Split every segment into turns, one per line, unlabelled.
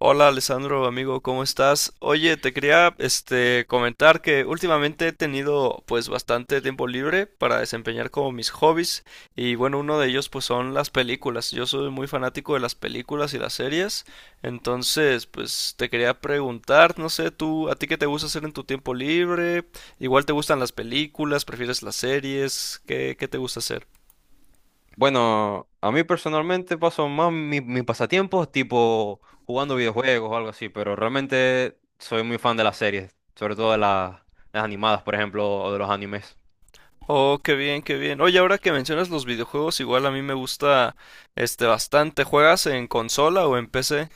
Hola Alessandro, amigo, ¿cómo estás? Oye, te quería comentar que últimamente he tenido pues bastante tiempo libre para desempeñar como mis hobbies y bueno, uno de ellos pues son las películas. Yo soy muy fanático de las películas y las series, entonces pues te quería preguntar, no sé, tú, ¿a ti qué te gusta hacer en tu tiempo libre? Igual te gustan las películas, prefieres las series, ¿qué te gusta hacer?
Bueno, a mí personalmente paso más mis pasatiempos tipo jugando videojuegos o algo así, pero realmente soy muy fan de las series, sobre todo de las animadas, por ejemplo, o de los animes.
Oh, qué bien, qué bien. Oye, ahora que mencionas los videojuegos, igual a mí me gusta bastante. ¿Juegas en consola o en PC?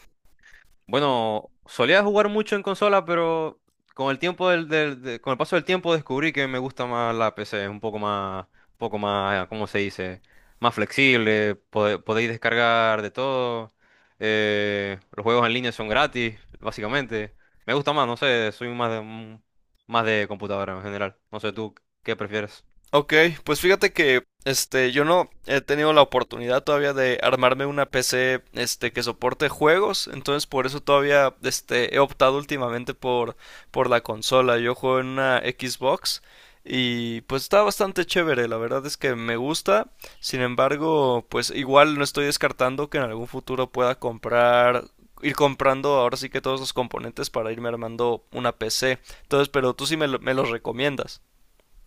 Bueno, solía jugar mucho en consola, pero con el tiempo con el paso del tiempo descubrí que me gusta más la PC, es un poco más, ¿cómo se dice? Más flexible, podéis descargar de todo. Los juegos en línea son gratis, básicamente. Me gusta más, no sé, soy más más de computadora en general. No sé tú qué prefieres.
Ok, pues fíjate que yo no he tenido la oportunidad todavía de armarme una PC que soporte juegos, entonces por eso todavía he optado últimamente por la consola. Yo juego en una Xbox y pues está bastante chévere, la verdad es que me gusta, sin embargo, pues igual no estoy descartando que en algún futuro pueda comprar, ir comprando ahora sí que todos los componentes para irme armando una PC. Entonces, pero tú sí me los recomiendas.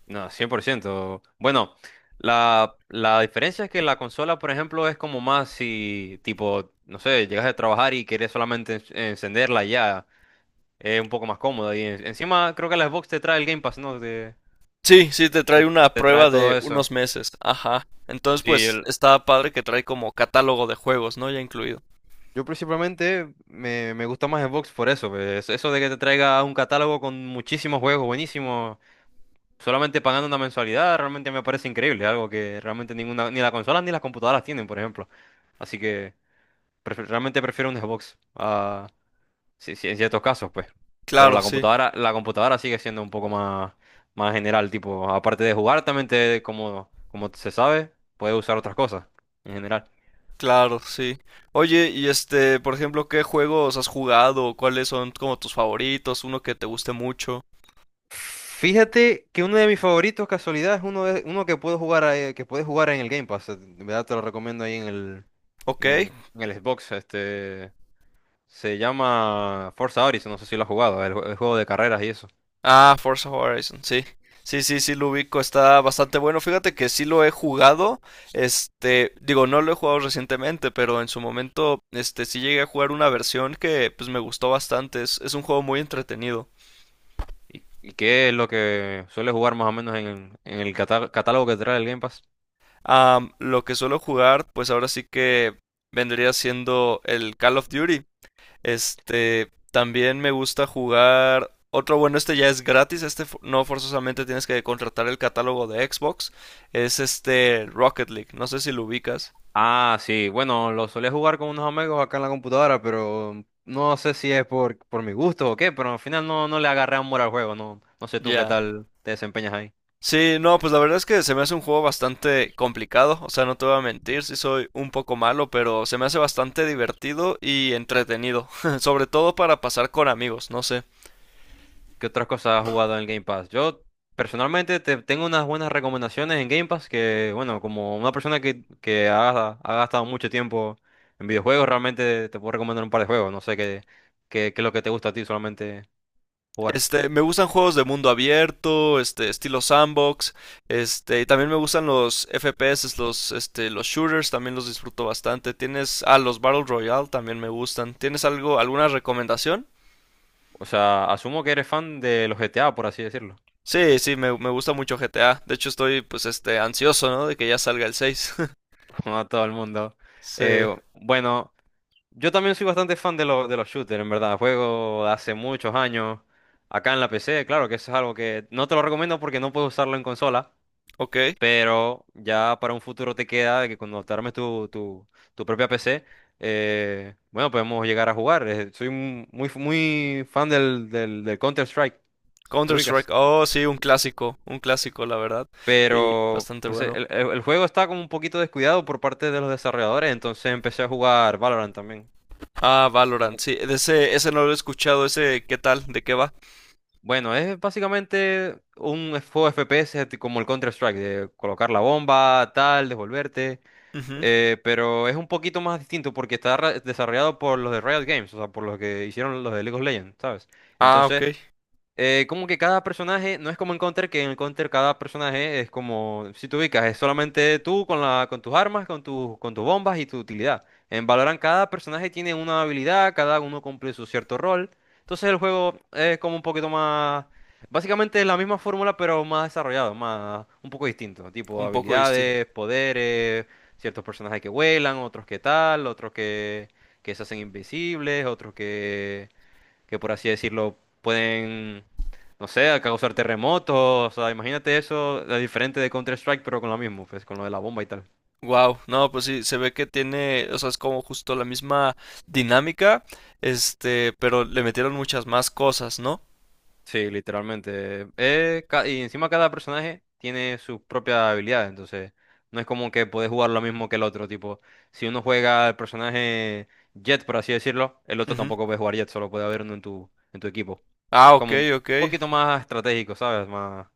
No, 100%. Bueno, la diferencia es que la consola, por ejemplo, es como más si, tipo, no sé, llegas de trabajar y quieres solamente encenderla y ya, es un poco más cómoda. Y encima creo que la Xbox te trae el Game Pass, ¿no?
Sí, sí, te
Te-
trae una
Te trae
prueba
todo
de
eso.
unos meses. Ajá. Entonces,
Sí,
pues está padre que trae como catálogo de juegos, ¿no? Ya incluido.
yo principalmente me gusta más Xbox por eso, pues, eso de que te traiga un catálogo con muchísimos juegos buenísimos, solamente pagando una mensualidad, realmente me parece increíble, algo que realmente ninguna, ni las consolas ni las computadoras tienen, por ejemplo. Así que... realmente prefiero un Xbox, ah, sí, sí, en ciertos casos, pues. Pero
Claro, sí,
la computadora sigue siendo un poco más, más general, tipo, aparte de jugar, también te, como, como se sabe, puedes usar otras cosas, en general.
claro, sí. Oye, y por ejemplo, ¿qué juegos has jugado? ¿Cuáles son como tus favoritos? ¿Uno que te guste mucho?
Fíjate que uno de mis favoritos, casualidad, es uno, de, uno que puedo jugar, que puedes jugar en el Game Pass. De verdad te lo recomiendo ahí
Ok.
en el Xbox. Este, se llama Forza Horizon, no sé si lo has jugado, el, el juego de carreras y eso.
Ah, Forza Horizon, sí. Sí, sí, sí, lo ubico, está bastante bueno. Fíjate que sí lo he jugado, digo, no lo he jugado recientemente, pero en su momento, sí llegué a jugar una versión que, pues, me gustó bastante. Es un juego muy entretenido.
Y qué es lo que suele jugar más o menos en el catálogo que trae el Game Pass?
Lo que suelo jugar, pues ahora sí que vendría siendo el Call of Duty. También me gusta jugar. Otro bueno, este ya es gratis. No forzosamente tienes que contratar el catálogo de Xbox. Es Rocket League. No sé si lo ubicas.
Ah, sí, bueno, lo solía jugar con unos amigos acá en la computadora, pero no sé si es por mi gusto o qué, pero al final no, no le agarré amor al juego, no, no sé tú qué
Ya.
tal te desempeñas ahí.
Sí, no, pues la verdad es que se me hace un juego bastante complicado. O sea, no te voy a mentir, sí soy un poco malo, pero se me hace bastante divertido y entretenido. Sobre todo para pasar con amigos. No sé.
¿Qué otras cosas has jugado en el Game Pass? Yo personalmente tengo unas buenas recomendaciones en Game Pass que, bueno, como una persona que ha gastado mucho tiempo en videojuegos, realmente te puedo recomendar un par de juegos, no sé qué es lo que te gusta a ti solamente jugar.
Me gustan juegos de mundo abierto, estilo sandbox, y también me gustan los FPS, los shooters, también los disfruto bastante. Tienes, los Battle Royale también me gustan. ¿Tienes algo, alguna recomendación?
O sea, asumo que eres fan de los GTA, por así decirlo,
Sí, sí, me gusta mucho GTA. De hecho, estoy, pues, ansioso, ¿no? De que ya salga el 6.
como a todo el mundo. Eh,
Sí,
bueno, yo también soy bastante fan de, de los shooters, en verdad. Juego de hace muchos años acá en la PC, claro que eso es algo que no te lo recomiendo porque no puedes usarlo en consola,
ok.
pero ya para un futuro te queda de que cuando te armes tu propia PC, bueno, podemos llegar a jugar. Soy muy, muy fan del Counter-Strike, ¿te ubicas?
Counter-Strike, oh, sí, un clásico, la verdad, y
Pero
bastante
pues,
bueno.
el juego está como un poquito descuidado por parte de los desarrolladores, entonces empecé a jugar Valorant también.
Ah, Valorant, sí, ese no lo he escuchado, ese, ¿qué tal? ¿De qué va?
Bueno, es básicamente un juego FPS como el Counter-Strike, de colocar la bomba, tal, devolverte,
Ujú.
pero es un poquito más distinto porque está desarrollado por los de Riot Games, o sea, por los que hicieron los de League of Legends, ¿sabes?
Ah, ok.
Entonces, como que cada personaje, no es como en Counter, que en el Counter cada personaje es como, si te ubicas, es solamente tú con la, con tus armas, con tus bombas y tu utilidad. En Valorant cada personaje tiene una habilidad, cada uno cumple su cierto rol. Entonces el juego es como un poquito más, básicamente es la misma fórmula, pero más desarrollado, más, un poco distinto. Tipo
Un poco distinto.
habilidades, poderes, ciertos personajes que vuelan, otros que tal, otros que se hacen invisibles, otros que por así decirlo pueden, no sé, causar terremotos. O sea, imagínate eso, la diferente de Counter-Strike, pero con lo mismo, pues con lo de la bomba y tal.
Wow, no, pues sí, se ve que tiene, o sea, es como justo la misma dinámica, pero le metieron muchas más cosas, ¿no?
Sí, literalmente. Y encima cada personaje tiene sus propias habilidades, entonces no es como que podés jugar lo mismo que el otro. Tipo, si uno juega el personaje Jet, por así decirlo, el otro
Ujú.
tampoco puede jugar Jet, solo puede haber uno en tu equipo.
Ah, ok,
Como un
ok.
poquito más estratégico, ¿sabes? Más.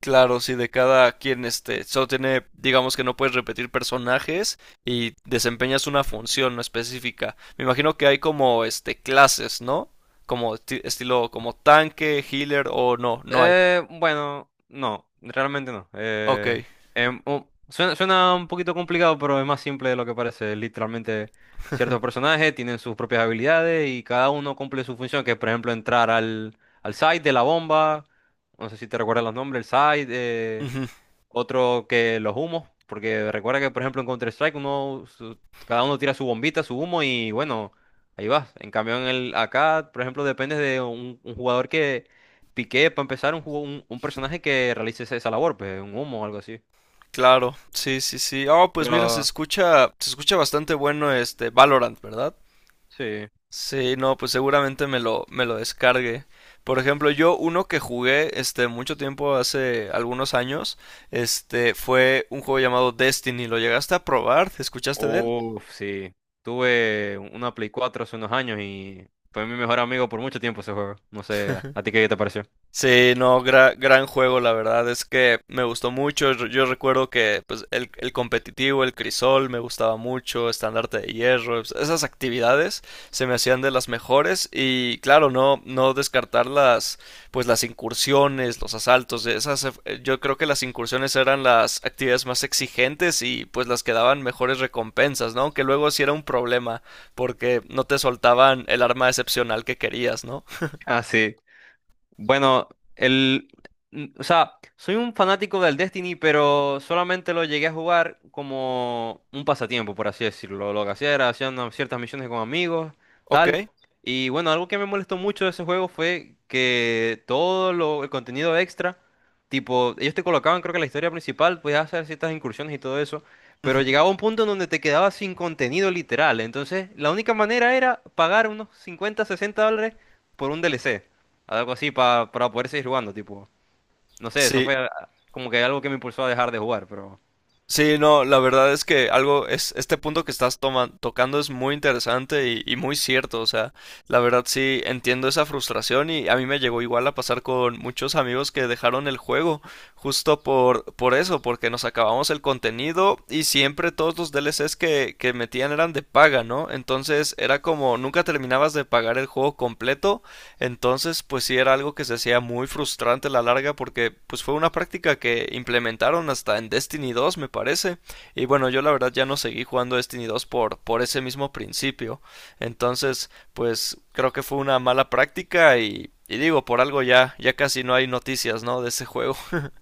Claro, sí, de cada quien, solo tiene, digamos que no puedes repetir personajes y desempeñas una función no específica. Me imagino que hay como, clases, ¿no? Como estilo, como tanque, healer o no, no hay.
Bueno, no, realmente no.
Ok.
Suena, suena un poquito complicado, pero es más simple de lo que parece. Literalmente, ciertos personajes tienen sus propias habilidades y cada uno cumple su función, que es, por ejemplo, entrar al, al site de la bomba. No sé si te recuerdas los nombres, el site. Otro que los humos, porque recuerda que, por ejemplo, en Counter-Strike uno, cada uno tira su bombita, su humo y bueno, ahí vas. En cambio, en el, acá, por ejemplo, depende de un jugador que pique para empezar un, un personaje que realice esa labor, pues un humo o algo así.
Claro, sí, sí, sí. Oh, pues mira,
Pero
se escucha bastante bueno este Valorant, ¿verdad?
sí,
Sí, no, pues seguramente me lo descargue. Por ejemplo, yo uno que jugué mucho tiempo hace algunos años, este fue un juego llamado Destiny. ¿Lo llegaste a probar? ¿Escuchaste de él?
uff, sí. Tuve una Play 4 hace unos años y fue mi mejor amigo por mucho tiempo ese juego. No sé, ¿a ti qué te pareció?
Sí, no, gran juego, la verdad es que me gustó mucho. Yo recuerdo que pues, el competitivo, el crisol, me gustaba mucho, estandarte de hierro, esas actividades se me hacían de las mejores y claro, no, no descartar las, pues las incursiones, los asaltos, de esas, yo creo que las incursiones eran las actividades más exigentes y pues las que daban mejores recompensas, ¿no? Aunque luego sí era un problema porque no te soltaban el arma excepcional que querías, ¿no?
Ah, sí. Bueno, el, o sea, soy un fanático del Destiny, pero solamente lo llegué a jugar como un pasatiempo, por así decirlo. Lo que hacía era hacer unas ciertas misiones con amigos, tal.
Ok.
Y bueno, algo que me molestó mucho de ese juego fue que todo el contenido extra, tipo, ellos te colocaban, creo que la historia principal, podías hacer ciertas incursiones y todo eso. Pero
Ujú.
llegaba un punto en donde te quedabas sin contenido literal. Entonces, la única manera era pagar unos 50-60 dólares por un DLC. Algo así para poder seguir jugando, tipo. No sé, eso
Sí,
fue ah, como que algo que me impulsó a dejar de jugar, pero
sí, no, la verdad es que este punto que estás tocando es muy interesante y muy cierto, o sea, la verdad sí entiendo esa frustración y a mí me llegó igual a pasar con muchos amigos que dejaron el juego justo por eso, porque nos acabamos el contenido y siempre todos los DLCs que metían eran de paga, ¿no? Entonces era como nunca terminabas de pagar el juego completo entonces, pues sí era algo que se hacía muy frustrante a la larga porque pues fue una práctica que implementaron hasta en Destiny 2, me parece. Y bueno, yo la verdad ya no seguí jugando Destiny 2 por ese mismo principio. Entonces, pues creo que fue una mala práctica y digo, por algo ya, ya casi no hay noticias, ¿no? De ese juego.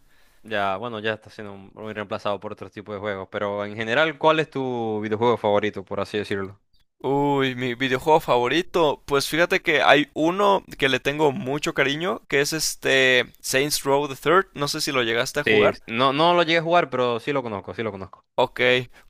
ya, bueno, ya está siendo muy reemplazado por otros tipos de juegos. Pero en general, ¿cuál es tu videojuego favorito, por así decirlo?
Uy, mi videojuego favorito. Pues fíjate que hay uno que le tengo mucho cariño, que es Saints Row the Third. No sé si lo llegaste a
Sí,
jugar.
no, no lo llegué a jugar, pero sí lo conozco, sí lo conozco.
Ok,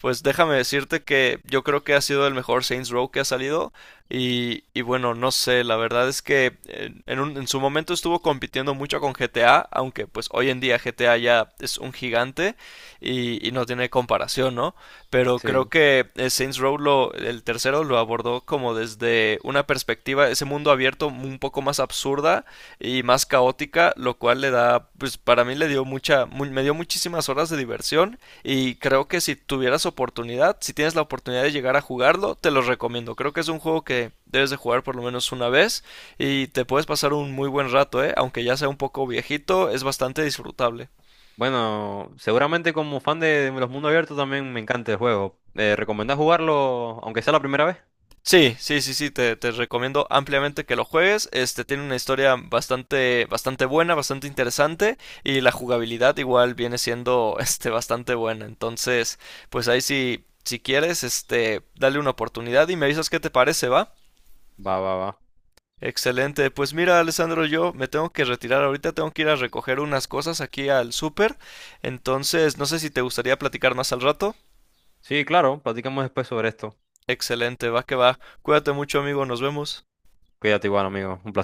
pues déjame decirte que yo creo que ha sido el mejor Saints Row que ha salido y bueno, no sé, la verdad es que en su momento estuvo compitiendo mucho con GTA, aunque pues hoy en día GTA ya es un gigante y no tiene comparación, ¿no? Pero creo
Sí.
que Saints Row el tercero lo abordó como desde una perspectiva, ese mundo abierto un poco más absurda y más caótica, lo cual le da, pues para mí le dio me dio muchísimas horas de diversión. Y creo que si tuvieras oportunidad, si tienes la oportunidad de llegar a jugarlo, te lo recomiendo. Creo que es un juego que debes de jugar por lo menos una vez y te puedes pasar un muy buen rato, ¿eh? Aunque ya sea un poco viejito, es bastante disfrutable.
Bueno, seguramente como fan de los mundos abiertos también me encanta el juego. ¿Recomendás jugarlo aunque sea la primera vez?
Sí, sí, sí, sí, te recomiendo ampliamente que lo juegues. Este tiene una historia bastante, bastante buena, bastante interesante y la jugabilidad igual viene siendo bastante buena. Entonces, pues ahí sí, si quieres, dale una oportunidad y me avisas qué te parece, ¿va?
Va, va, va.
Excelente. Pues mira, Alessandro, yo me tengo que retirar ahorita, tengo que ir a recoger unas cosas aquí al súper. Entonces, no sé si te gustaría platicar más al rato.
Sí, claro, platicamos después sobre esto.
Excelente, va que va. Cuídate mucho, amigo, nos vemos.
Cuídate igual, amigo. Un placer.